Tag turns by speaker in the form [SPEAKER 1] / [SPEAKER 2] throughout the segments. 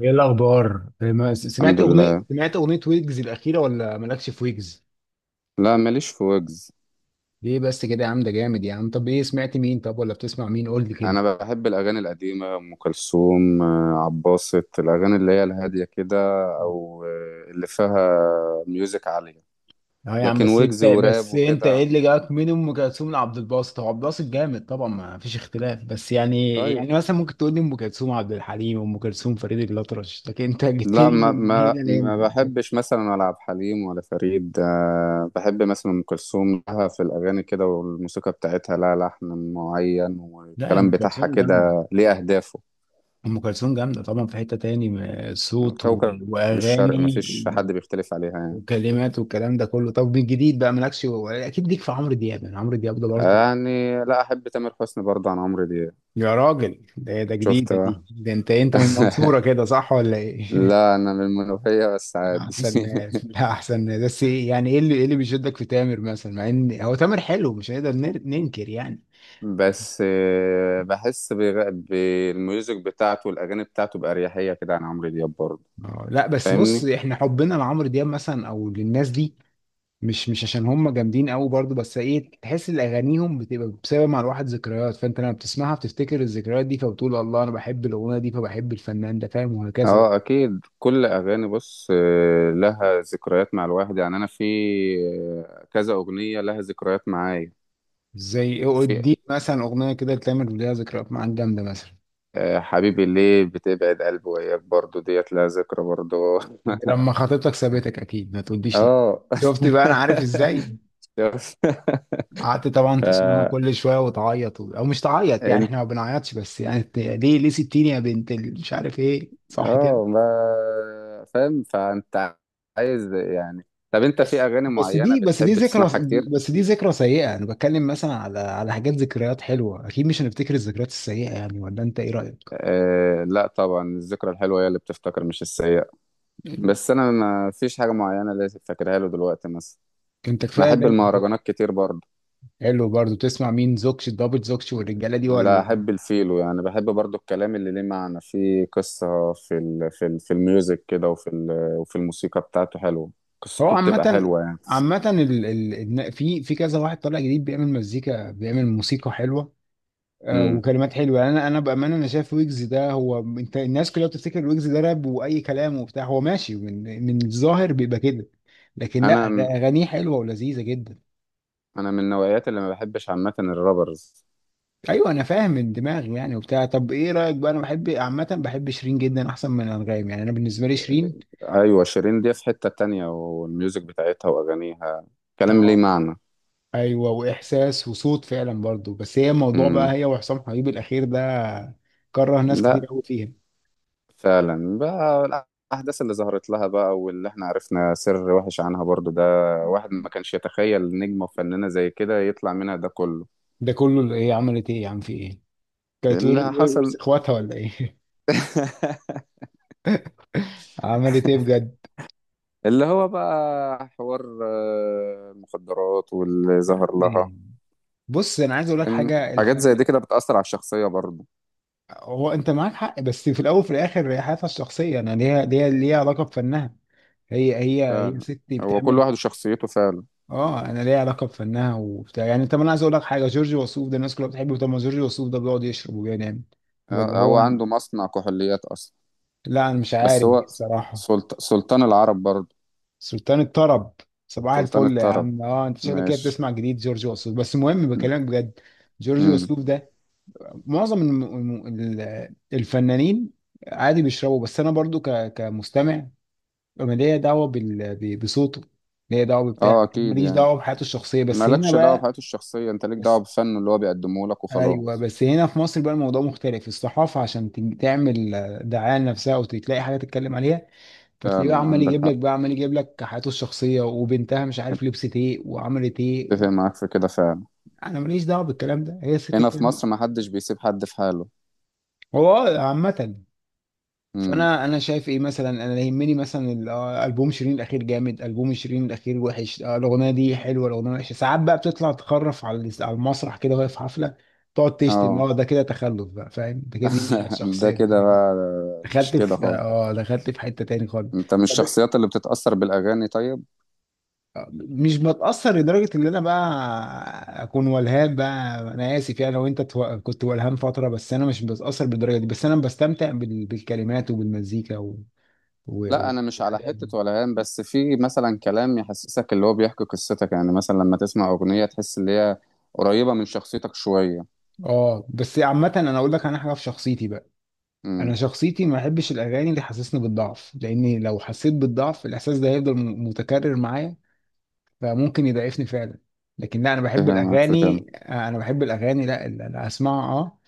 [SPEAKER 1] ايه الاخبار؟ إيه ما- سمعت
[SPEAKER 2] الحمد
[SPEAKER 1] اغنيه
[SPEAKER 2] لله.
[SPEAKER 1] سمعت اغنيه ويجز الاخيره، ولا مالكش في ويجز؟
[SPEAKER 2] لا ماليش في ويجز.
[SPEAKER 1] ليه بس كده يا عم؟ ده جامد يا عم. طب ايه، سمعت مين؟ طب ولا بتسمع مين؟ قول لي كده.
[SPEAKER 2] انا بحب الاغاني القديمه، ام كلثوم، عباسط الاغاني اللي هي الهاديه كده. او اللي فيها ميوزك عاليه،
[SPEAKER 1] اه يا عم،
[SPEAKER 2] لكن
[SPEAKER 1] بس
[SPEAKER 2] ويجز
[SPEAKER 1] انت
[SPEAKER 2] وراب
[SPEAKER 1] بس انت ايه
[SPEAKER 2] وكده.
[SPEAKER 1] اللي جاك من ام كلثوم لعبد الباسط؟ هو عبد الباسط جامد طبعا، ما فيش اختلاف، بس يعني
[SPEAKER 2] طيب،
[SPEAKER 1] مثلا ممكن تقول لي ام كلثوم عبد الحليم، ام كلثوم فريد الاطرش، لكن انت جبت
[SPEAKER 2] لا
[SPEAKER 1] لي
[SPEAKER 2] ما
[SPEAKER 1] من
[SPEAKER 2] ما
[SPEAKER 1] هنا
[SPEAKER 2] ما
[SPEAKER 1] لهنا.
[SPEAKER 2] بحبش مثلا، ولا عبد الحليم ولا فريد. بحب مثلا ام كلثوم، لها في الاغاني كده، والموسيقى بتاعتها لها لحن معين،
[SPEAKER 1] لا يا،
[SPEAKER 2] والكلام
[SPEAKER 1] ام
[SPEAKER 2] بتاعها
[SPEAKER 1] كلثوم جامده.
[SPEAKER 2] كده ليه اهدافه.
[SPEAKER 1] طبعا، في حته تاني، صوت
[SPEAKER 2] كوكب الشرق
[SPEAKER 1] واغاني
[SPEAKER 2] مفيش حد بيختلف عليها يعني.
[SPEAKER 1] وكلمات والكلام ده كله. طب من جديد بقى، مالكش اكيد ليك في عمرو دياب؟ يعني عمرو دياب ده برضه.
[SPEAKER 2] يعني لا، أحب تامر حسني برضه عن عمرو دياب.
[SPEAKER 1] يا راجل، ده
[SPEAKER 2] شفت
[SPEAKER 1] جديدة
[SPEAKER 2] بقى.
[SPEAKER 1] دي. ده انت من المنصورة كده، صح ولا ايه؟
[SPEAKER 2] لا، أنا من المنوفية بس عادي.
[SPEAKER 1] احسن ناس. لا، احسن ناس. بس ايه يعني، ايه اللي بيشدك في تامر مثلا؟ مع ان هو تامر حلو، مش هنقدر ننكر يعني.
[SPEAKER 2] بس بحس بالميوزك بتاعته والأغاني بتاعته بأريحية كده عن عمرو دياب برضه.
[SPEAKER 1] لا بس، بص،
[SPEAKER 2] فاهمني؟
[SPEAKER 1] احنا حبنا لعمرو دياب مثلا او للناس دي، مش عشان هم جامدين قوي برضو، بس ايه، تحس ان اغانيهم بتبقى بسبب مع الواحد ذكريات. فانت لما بتسمعها بتفتكر الذكريات دي، فبتقول الله انا بحب الاغنيه دي، فبحب الفنان ده، فاهم؟ وهكذا بقى.
[SPEAKER 2] اه اكيد، كل اغاني، بص، لها ذكريات مع الواحد يعني. انا في كذا اغنيه لها ذكريات معايا.
[SPEAKER 1] زي
[SPEAKER 2] وفي
[SPEAKER 1] اديك مثلا اغنيه كده تتعمل ليها ذكريات معاك جامده، مثلا
[SPEAKER 2] حبيبي ليه بتبعد قلبي وياك، برضو ديت لها ذكرى برضو.
[SPEAKER 1] لما خطيبتك سابتك، اكيد ما تقوليش لا.
[SPEAKER 2] اه.
[SPEAKER 1] شفت بقى، انا عارف ازاي. قعدت طبعا تسمعها
[SPEAKER 2] فانت،
[SPEAKER 1] كل شويه وتعيط، او مش تعيط يعني، احنا ما بنعيطش، بس يعني ليه سبتيني يا بنت مش عارف ايه، صح كده؟
[SPEAKER 2] اه ما فاهم، فانت عايز يعني. طب انت في
[SPEAKER 1] بس
[SPEAKER 2] اغاني
[SPEAKER 1] بس
[SPEAKER 2] معينه
[SPEAKER 1] دي بس دي
[SPEAKER 2] بتحب
[SPEAKER 1] ذكرى
[SPEAKER 2] تسمعها كتير؟
[SPEAKER 1] بس دي ذكرى سيئة. انا بتكلم مثلا على حاجات ذكريات حلوة، اكيد مش هنفتكر الذكريات السيئة يعني، ولا انت ايه رأيك؟
[SPEAKER 2] آه لا طبعا، الذكرى الحلوه هي اللي بتفتكر، مش السيئه. بس انا ما فيش حاجه معينه اللي فاكرها له دلوقتي مثلا.
[SPEAKER 1] انت
[SPEAKER 2] انا
[SPEAKER 1] كفاية
[SPEAKER 2] احب
[SPEAKER 1] ده.
[SPEAKER 2] المهرجانات كتير برضه.
[SPEAKER 1] حلو، برضو تسمع مين، زوكش دبل زوكش والرجالة دي،
[SPEAKER 2] لا
[SPEAKER 1] ولا؟
[SPEAKER 2] احب الفيلو، يعني بحب برضه الكلام اللي ليه معنى، فيه قصه في ال في ال في الميوزك كده، وفي الموسيقى بتاعته حلوه،
[SPEAKER 1] هو
[SPEAKER 2] قصته بتبقى
[SPEAKER 1] عامة
[SPEAKER 2] حلوه يعني.
[SPEAKER 1] عامة في كذا واحد طالع جديد بيعمل مزيكا، بيعمل موسيقى حلوة.
[SPEAKER 2] امم.
[SPEAKER 1] وكلمات حلوه يعني، انا بامانه، انا شايف ويجز ده، هو انت الناس كلها بتفتكر ويجز ده راب واي كلام وبتاع، هو ماشي، من الظاهر بيبقى كده. لكن لا،
[SPEAKER 2] انا
[SPEAKER 1] اغانيه حلوه ولذيذه جدا.
[SPEAKER 2] انا من النوعيات اللي ما بحبش عامه الرابرز.
[SPEAKER 1] ايوه، انا فاهم، من دماغي يعني وبتاع. طب ايه رايك بقى؟ انا بحب عامه، بحب شيرين جدا احسن من انغام، يعني انا بالنسبه لي شيرين.
[SPEAKER 2] ايوه شيرين دي في حته تانية، والميوزك بتاعتها واغانيها كلام ليه
[SPEAKER 1] اه،
[SPEAKER 2] معنى.
[SPEAKER 1] ايوه، واحساس وصوت فعلا برضو. بس هي الموضوع بقى
[SPEAKER 2] امم.
[SPEAKER 1] هي وحسام حبيب الاخير ده كره ناس كتير
[SPEAKER 2] لا،
[SPEAKER 1] قوي فيها.
[SPEAKER 2] فعلا بقى، الاحداث اللي ظهرت لها بقى، واللي احنا عرفنا سر وحش عنها برضو ده. واحد ما كانش يتخيل نجمه وفنانه زي كده يطلع منها ده كله.
[SPEAKER 1] ده كله اللي هي عملت ايه يا عم، في ايه؟ كانت
[SPEAKER 2] اللي
[SPEAKER 1] ورث
[SPEAKER 2] حصل.
[SPEAKER 1] اخواتها ولا ايه؟ عملت ايه بجد؟
[SPEAKER 2] اللي هو بقى حوار المخدرات واللي
[SPEAKER 1] يا
[SPEAKER 2] ظهر
[SPEAKER 1] عم
[SPEAKER 2] لها.
[SPEAKER 1] بص، انا عايز اقول لك
[SPEAKER 2] إن
[SPEAKER 1] حاجه.
[SPEAKER 2] حاجات زي
[SPEAKER 1] الفن،
[SPEAKER 2] دي كده بتأثر على الشخصية برضه.
[SPEAKER 1] هو انت معاك حق، بس في الاول وفي الاخر هي حياتها الشخصيه، انا ليها علاقه بفنها. هي
[SPEAKER 2] فعلا،
[SPEAKER 1] ستي
[SPEAKER 2] هو كل
[SPEAKER 1] بتعمل.
[SPEAKER 2] واحد وشخصيته فعلا.
[SPEAKER 1] اه، انا ليها علاقه بفنها وبتاع يعني. انت ما انا عايز اقول لك حاجه، جورج وسوف ده الناس كلها بتحبه، طب ما جورج وسوف ده بيقعد يشرب وبينام، ولا
[SPEAKER 2] آه، هو
[SPEAKER 1] هو؟
[SPEAKER 2] عنده مصنع كحوليات اصلا.
[SPEAKER 1] لا انا مش
[SPEAKER 2] بس
[SPEAKER 1] عارف دي
[SPEAKER 2] هو
[SPEAKER 1] الصراحه.
[SPEAKER 2] سلطان العرب برضه.
[SPEAKER 1] سلطان الطرب، صباح
[SPEAKER 2] سلطان
[SPEAKER 1] الفل يا
[SPEAKER 2] الطرب.
[SPEAKER 1] عم. اه انت شكلك كده
[SPEAKER 2] ماشي.
[SPEAKER 1] بتسمع جديد جورج وسوف. بس المهم بكلمك بجد. جورج
[SPEAKER 2] امم.
[SPEAKER 1] وسوف ده، معظم الفنانين عادي بيشربوا، بس انا برضو كمستمع. انا ليا دعوه بصوته، ليا دعوه ببتاع،
[SPEAKER 2] اه
[SPEAKER 1] لكن
[SPEAKER 2] اكيد
[SPEAKER 1] ماليش
[SPEAKER 2] يعني،
[SPEAKER 1] دعوه بحياته الشخصيه، بس هنا
[SPEAKER 2] مالكش دعوه
[SPEAKER 1] بقى.
[SPEAKER 2] بحياته الشخصيه، انت ليك دعوه
[SPEAKER 1] بس
[SPEAKER 2] بفنه اللي هو بيقدمه لك
[SPEAKER 1] ايوه،
[SPEAKER 2] وخلاص.
[SPEAKER 1] بس هنا في مصر بقى الموضوع مختلف. الصحافه عشان تعمل دعايه لنفسها او تلاقي حاجه تتكلم عليها، فتلاقيه
[SPEAKER 2] فعلا عندك حق،
[SPEAKER 1] عمال يجيب لك حياته الشخصيه وبنتها، مش عارف لبست ايه وعملت ايه.
[SPEAKER 2] اتفق معاك في كده فعلا.
[SPEAKER 1] انا ماليش دعوه بالكلام ده، هي الست
[SPEAKER 2] هنا في
[SPEAKER 1] بتعمل.
[SPEAKER 2] مصر ما حدش بيسيب حد في حاله.
[SPEAKER 1] هو عامه.
[SPEAKER 2] امم.
[SPEAKER 1] فانا شايف ايه مثلا، انا يهمني مثلا البوم شيرين الاخير جامد، البوم شيرين الاخير وحش، الاغنيه دي حلوه، الاغنيه وحشه. ساعات بقى بتطلع تخرف على على المسرح كده وهي في حفله، تقعد تشتم.
[SPEAKER 2] اه.
[SPEAKER 1] اه ده كده تخلف بقى، فاهم؟ ده كده، دي مش حاجه
[SPEAKER 2] ده
[SPEAKER 1] شخصيه دي،
[SPEAKER 2] كده
[SPEAKER 1] ده كده
[SPEAKER 2] بقى. مش كده خالص.
[SPEAKER 1] دخلت في حته تاني خالص.
[SPEAKER 2] انت من
[SPEAKER 1] طب
[SPEAKER 2] الشخصيات اللي بتتاثر بالاغاني طيب؟
[SPEAKER 1] مش بتاثر لدرجه ان انا بقى اكون ولهان بقى، انا اسف يعني لو انت كنت ولهان فتره. بس انا مش بتاثر بالدرجه دي، بس انا بستمتع بالكلمات وبالمزيكا
[SPEAKER 2] لا انا مش على
[SPEAKER 1] والحاجات دي.
[SPEAKER 2] حته ولا هام، بس في مثلا كلام يحسسك اللي هو بيحكي قصتك، يعني مثلا لما تسمع اغنيه تحس ان هي قريبه من شخصيتك شويه.
[SPEAKER 1] اه، بس عامة انا اقول لك، انا حاجة في شخصيتي بقى. انا
[SPEAKER 2] امم.
[SPEAKER 1] شخصيتي ما بحبش الاغاني اللي حسسني بالضعف، لاني لو حسيت بالضعف، الاحساس ده هيفضل متكرر معايا، فممكن يضعفني فعلا. لكن لا، انا بحب
[SPEAKER 2] فاهمك في كده.
[SPEAKER 1] الاغاني، لا اللي اسمعها،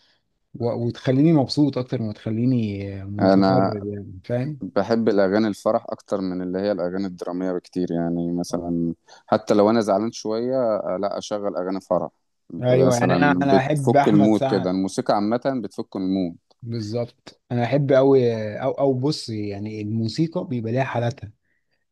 [SPEAKER 1] وتخليني مبسوط اكتر ما تخليني متضرر
[SPEAKER 2] انا
[SPEAKER 1] يعني، فاهم؟
[SPEAKER 2] بحب الاغاني الفرح اكتر من اللي هي الاغاني الدراميه بكتير. يعني مثلا حتى لو انا زعلان شويه، لا اشغل اغاني فرح
[SPEAKER 1] ايوه يعني، انا
[SPEAKER 2] مثلا،
[SPEAKER 1] انا احب
[SPEAKER 2] بتفك
[SPEAKER 1] احمد
[SPEAKER 2] المود كده،
[SPEAKER 1] سعد.
[SPEAKER 2] الموسيقى عامه بتفك المود.
[SPEAKER 1] بالظبط، انا احب قوي. او بص يعني، الموسيقى بيبقى ليها حالاتها.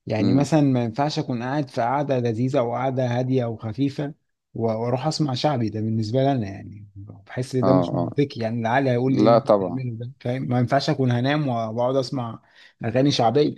[SPEAKER 1] يعني
[SPEAKER 2] امم.
[SPEAKER 1] مثلا، ما ينفعش اكون قاعد في قعده لذيذه او قعده هاديه وخفيفه، واروح اسمع شعبي. ده بالنسبه لي انا يعني بحس إن
[SPEAKER 2] اه
[SPEAKER 1] ده مش
[SPEAKER 2] اه.
[SPEAKER 1] منطقي يعني، العقل هيقول لي ايه اللي
[SPEAKER 2] لا
[SPEAKER 1] انت
[SPEAKER 2] طبعا.
[SPEAKER 1] بتعمله ده، فاهم؟ ما ينفعش اكون هنام واقعد اسمع اغاني شعبيه.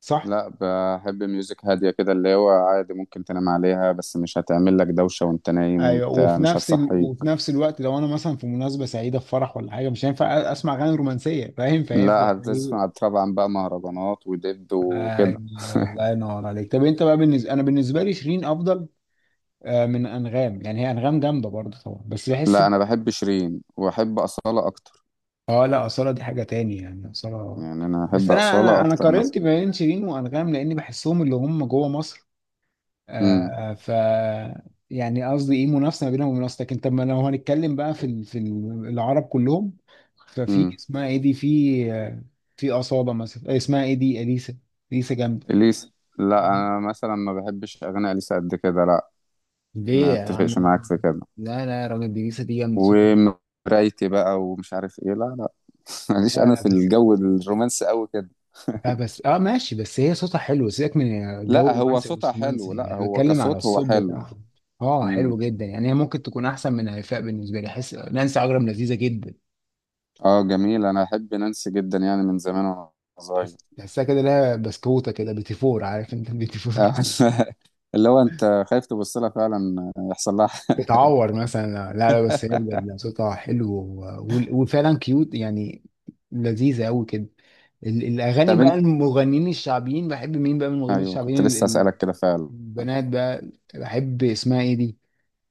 [SPEAKER 1] صح،
[SPEAKER 2] لا بحب ميوزك هادية كده اللي هو عادي ممكن تنام عليها، بس مش هتعمل لك دوشة وانت نايم
[SPEAKER 1] ايوه.
[SPEAKER 2] بتاع، مش هتصحيك.
[SPEAKER 1] وفي نفس الوقت لو انا مثلا في مناسبه سعيده، في فرح ولا حاجه، مش هينفع اسمع اغاني رومانسيه، فاهم؟ فاهم
[SPEAKER 2] لا
[SPEAKER 1] ايه؟
[SPEAKER 2] هتسمع
[SPEAKER 1] ايوه.
[SPEAKER 2] طبعا بقى مهرجانات ودب وكده.
[SPEAKER 1] الله ينور عليك. طب انت بقى، انا بالنسبه لي شيرين افضل من انغام يعني، هي انغام جامده برضه طبعا بس بحس.
[SPEAKER 2] لا انا بحب شيرين واحب أصالة اكتر،
[SPEAKER 1] اه، لا أصالة دي حاجة تاني يعني، أصالة.
[SPEAKER 2] يعني انا
[SPEAKER 1] بس
[SPEAKER 2] احب
[SPEAKER 1] أنا أنا
[SPEAKER 2] أصالة
[SPEAKER 1] أنا
[SPEAKER 2] اكتر مثلا.
[SPEAKER 1] قارنت بين شيرين وأنغام، لأني بحسهم اللي هم جوه مصر.
[SPEAKER 2] امم.
[SPEAKER 1] آه ف يعني قصدي إيه، منافسة ما بينهم ومنافسة، لكن طب ما لو هنتكلم بقى في العرب كلهم. ففي
[SPEAKER 2] امم.
[SPEAKER 1] اسمها إيه دي، في أصالة مثلا، اسمها إيه دي، أليسا. أليسا جامدة.
[SPEAKER 2] اليسا؟ لا انا مثلا ما بحبش اغاني اليسا قد كده، لا.
[SPEAKER 1] ليه
[SPEAKER 2] ما
[SPEAKER 1] يا عم؟
[SPEAKER 2] اتفقش معاك في كده.
[SPEAKER 1] لا لا يا راجل، دي لسه، دي جامدة، صوتها جامد.
[SPEAKER 2] ومرايتي بقى ومش عارف ايه، لا لا. ماليش
[SPEAKER 1] لا
[SPEAKER 2] انا
[SPEAKER 1] لا،
[SPEAKER 2] في
[SPEAKER 1] بس
[SPEAKER 2] الجو الرومانسي قوي كده.
[SPEAKER 1] لا بس اه ماشي، بس هي صوتها حلو، سيبك من جو
[SPEAKER 2] لا هو
[SPEAKER 1] رومانسي او
[SPEAKER 2] صوتها
[SPEAKER 1] مش
[SPEAKER 2] حلو،
[SPEAKER 1] رومانسي،
[SPEAKER 2] لا
[SPEAKER 1] احنا
[SPEAKER 2] هو
[SPEAKER 1] بنتكلم على
[SPEAKER 2] كصوت هو
[SPEAKER 1] الصوت
[SPEAKER 2] حلو.
[SPEAKER 1] بتاعها. اه، حلو
[SPEAKER 2] امم.
[SPEAKER 1] جدا يعني. هي ممكن تكون احسن من هيفاء. بالنسبه لي احس نانسي عجرم لذيذه جدا.
[SPEAKER 2] اه جميل، انا احب نانسي جدا يعني من زمان وانا صغير.
[SPEAKER 1] تحسها كده لها بسكوته كده، بيتي فور، عارف انت؟ البيتي فور،
[SPEAKER 2] آه، اللي هو انت خايف تبص لها فعلا، يحصل لها حاجة.
[SPEAKER 1] بتعور مثلا. لا لا، بس هي بجد صوتها حلو وفعلا كيوت يعني، لذيذه قوي كده. الاغاني
[SPEAKER 2] طب
[SPEAKER 1] بقى،
[SPEAKER 2] انت،
[SPEAKER 1] المغنيين الشعبيين، بحب مين بقى من المغنيين
[SPEAKER 2] ايوه كنت
[SPEAKER 1] الشعبيين،
[SPEAKER 2] لسه اسالك كده فعلا.
[SPEAKER 1] البنات بقى، بحب اسمها ايه دي،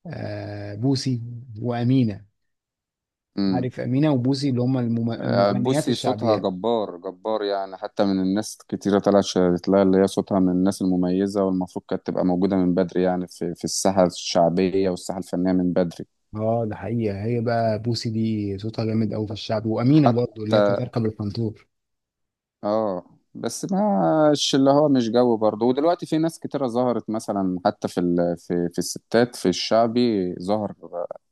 [SPEAKER 1] بوسي وأمينة،
[SPEAKER 2] امم.
[SPEAKER 1] عارف أمينة وبوسي، اللي هم
[SPEAKER 2] آه،
[SPEAKER 1] المغنيات
[SPEAKER 2] بوسي صوتها
[SPEAKER 1] الشعبيات.
[SPEAKER 2] جبار جبار يعني، حتى من الناس كتيرة طلعت شهدت لها اللي هي صوتها من الناس المميزة، والمفروض كانت تبقى موجودة من بدري يعني، في الساحة الشعبية والساحة الفنية من بدري.
[SPEAKER 1] اه، ده حقيقة. هي بقى بوسي دي صوتها جامد أوي في الشعب، وأمينة برضو اللي
[SPEAKER 2] حتى
[SPEAKER 1] هي كانت تركب الفانتور.
[SPEAKER 2] اه، بس مش اللي هو مش جو برضه. ودلوقتي في ناس كتيرة ظهرت مثلا، حتى في في الستات في الشعبي ظهر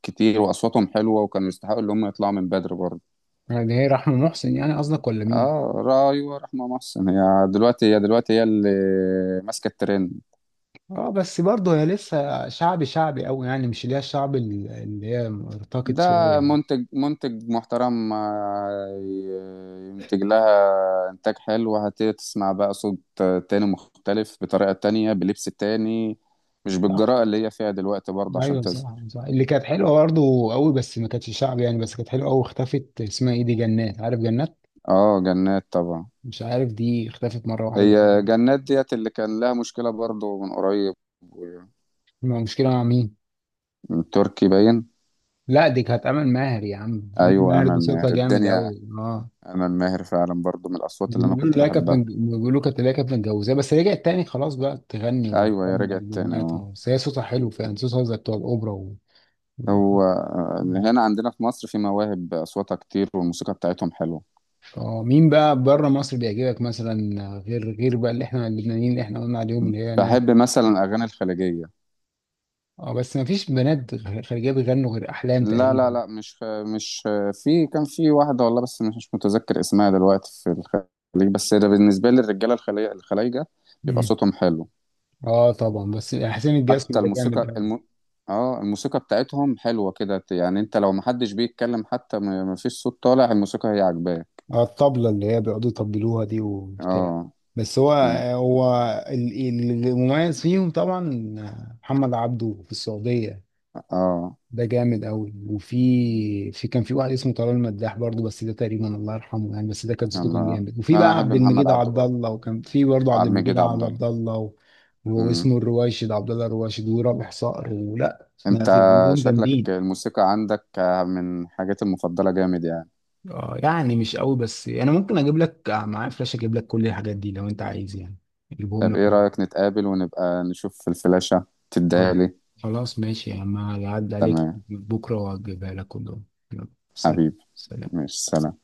[SPEAKER 2] كتير واصواتهم حلوه، وكانوا يستحقوا ان هم يطلعوا من بدري برضه.
[SPEAKER 1] يعني هي رحمة محسن يعني قصدك، ولا مين؟
[SPEAKER 2] اه رأي ورحمه محسن، هي دلوقتي هي اللي ماسكه الترند.
[SPEAKER 1] اه، بس برضه هي لسه شعبي شعبي أوي يعني، مش اللي هي الشعب اللي هي ارتقت
[SPEAKER 2] ده
[SPEAKER 1] شوية يعني.
[SPEAKER 2] منتج منتج محترم، ينتج لها إنتاج حلو، هتبتدي تسمع بقى صوت تاني مختلف بطريقة تانية، بلبس تاني، مش
[SPEAKER 1] صح،
[SPEAKER 2] بالجراءة اللي هي فيها دلوقتي برضه عشان
[SPEAKER 1] ايوه، صح
[SPEAKER 2] تظهر.
[SPEAKER 1] صح. اللي كانت حلوه برضه قوي بس ما كانتش شعبي يعني، بس كانت حلوه قوي، اختفت، اسمها ايه دي، جنات، عارف جنات؟
[SPEAKER 2] اه جنات طبعا.
[SPEAKER 1] مش عارف، دي اختفت مره واحده بس.
[SPEAKER 2] هي جنات ديت اللي كان لها مشكلة برضه من قريب و-
[SPEAKER 1] ما مشكله مع مين؟
[SPEAKER 2] من تركي باين.
[SPEAKER 1] لا، دي كانت امل ماهر، يا عم امل
[SPEAKER 2] ايوه
[SPEAKER 1] ماهر دي
[SPEAKER 2] امل ماهر
[SPEAKER 1] صوتها جامد
[SPEAKER 2] الدنيا،
[SPEAKER 1] قوي، اه.
[SPEAKER 2] امل ماهر فعلا برضه من الاصوات اللي انا
[SPEAKER 1] بيقولوا
[SPEAKER 2] كنت
[SPEAKER 1] لا كانت من-
[SPEAKER 2] بحبها.
[SPEAKER 1] بيقولوا كانت، لا كانت متجوزاه بس رجعت تاني، خلاص بقى تغني
[SPEAKER 2] ايوه هي
[SPEAKER 1] وتعمل
[SPEAKER 2] رجعت تاني
[SPEAKER 1] البومات،
[SPEAKER 2] اه.
[SPEAKER 1] آه. بس هي صوتها حلو فعلا، صوتها زي بتوع الاوبرا و... و...
[SPEAKER 2] هو هنا عندنا في مصر في مواهب أصواتها كتير والموسيقى بتاعتهم حلوة.
[SPEAKER 1] اه مين بقى بره مصر بيعجبك مثلا؟ غير بقى اللي احنا اللبنانيين اللي احنا قلنا عليهم، اللي هي نان.
[SPEAKER 2] بحب مثلا الأغاني الخليجية.
[SPEAKER 1] اه، بس ما فيش بنات خارجيه بيغنوا غير احلام
[SPEAKER 2] لا لا
[SPEAKER 1] تقريبا.
[SPEAKER 2] لا، مش، في كان في واحدة والله، بس مش متذكر اسمها دلوقتي في الخليج. بس ده بالنسبة لي الرجالة الخلايجة بيبقى
[SPEAKER 1] مم.
[SPEAKER 2] صوتهم حلو،
[SPEAKER 1] اه طبعا، بس حسين الجسمي
[SPEAKER 2] حتى
[SPEAKER 1] ده جامد قوي.
[SPEAKER 2] اه الموسيقى بتاعتهم حلوة كده يعني، انت لو محدش بيتكلم حتى مفيش صوت طالع الموسيقى هي عاجباه.
[SPEAKER 1] الطبلة اللي هي بيقعدوا يطبلوها دي وبتاع.
[SPEAKER 2] اه.
[SPEAKER 1] بس هو
[SPEAKER 2] أمم.
[SPEAKER 1] هو المميز فيهم طبعا محمد عبده في السعودية،
[SPEAKER 2] اه
[SPEAKER 1] ده جامد قوي. وفي، كان في واحد اسمه طلال مداح برضه، بس ده تقريبا الله يرحمه يعني، بس ده كان صوته كان
[SPEAKER 2] انا
[SPEAKER 1] جامد. وفي
[SPEAKER 2] انا
[SPEAKER 1] بقى
[SPEAKER 2] احب
[SPEAKER 1] عبد
[SPEAKER 2] محمد
[SPEAKER 1] المجيد
[SPEAKER 2] عبده
[SPEAKER 1] عبد
[SPEAKER 2] برضه،
[SPEAKER 1] الله، وكان في برضه عبد
[SPEAKER 2] عبد
[SPEAKER 1] المجيد
[SPEAKER 2] المجيد عبد الله.
[SPEAKER 1] عبد الله
[SPEAKER 2] مم.
[SPEAKER 1] واسمه الرواشد، عبد الله الرواشد، ورابح صقر، ولا ما
[SPEAKER 2] انت
[SPEAKER 1] في عندهم
[SPEAKER 2] شكلك
[SPEAKER 1] جامدين.
[SPEAKER 2] الموسيقى عندك من حاجات المفضلة جامد يعني.
[SPEAKER 1] اه يعني مش قوي، بس انا ممكن اجيب لك معايا فلاش، اجيب لك كل الحاجات دي لو انت عايز يعني، اجيبهم
[SPEAKER 2] طب
[SPEAKER 1] لك
[SPEAKER 2] ايه
[SPEAKER 1] كلهم.
[SPEAKER 2] رأيك نتقابل ونبقى نشوف الفلاشة
[SPEAKER 1] خل-
[SPEAKER 2] تديها لي.
[SPEAKER 1] خلاص ماشي يا عم، هعدي عليك
[SPEAKER 2] تمام.
[SPEAKER 1] بكره واجيبها لك كلهم. يلا سلام،
[SPEAKER 2] حبيبي.
[SPEAKER 1] سلام.
[SPEAKER 2] ماشي سلام.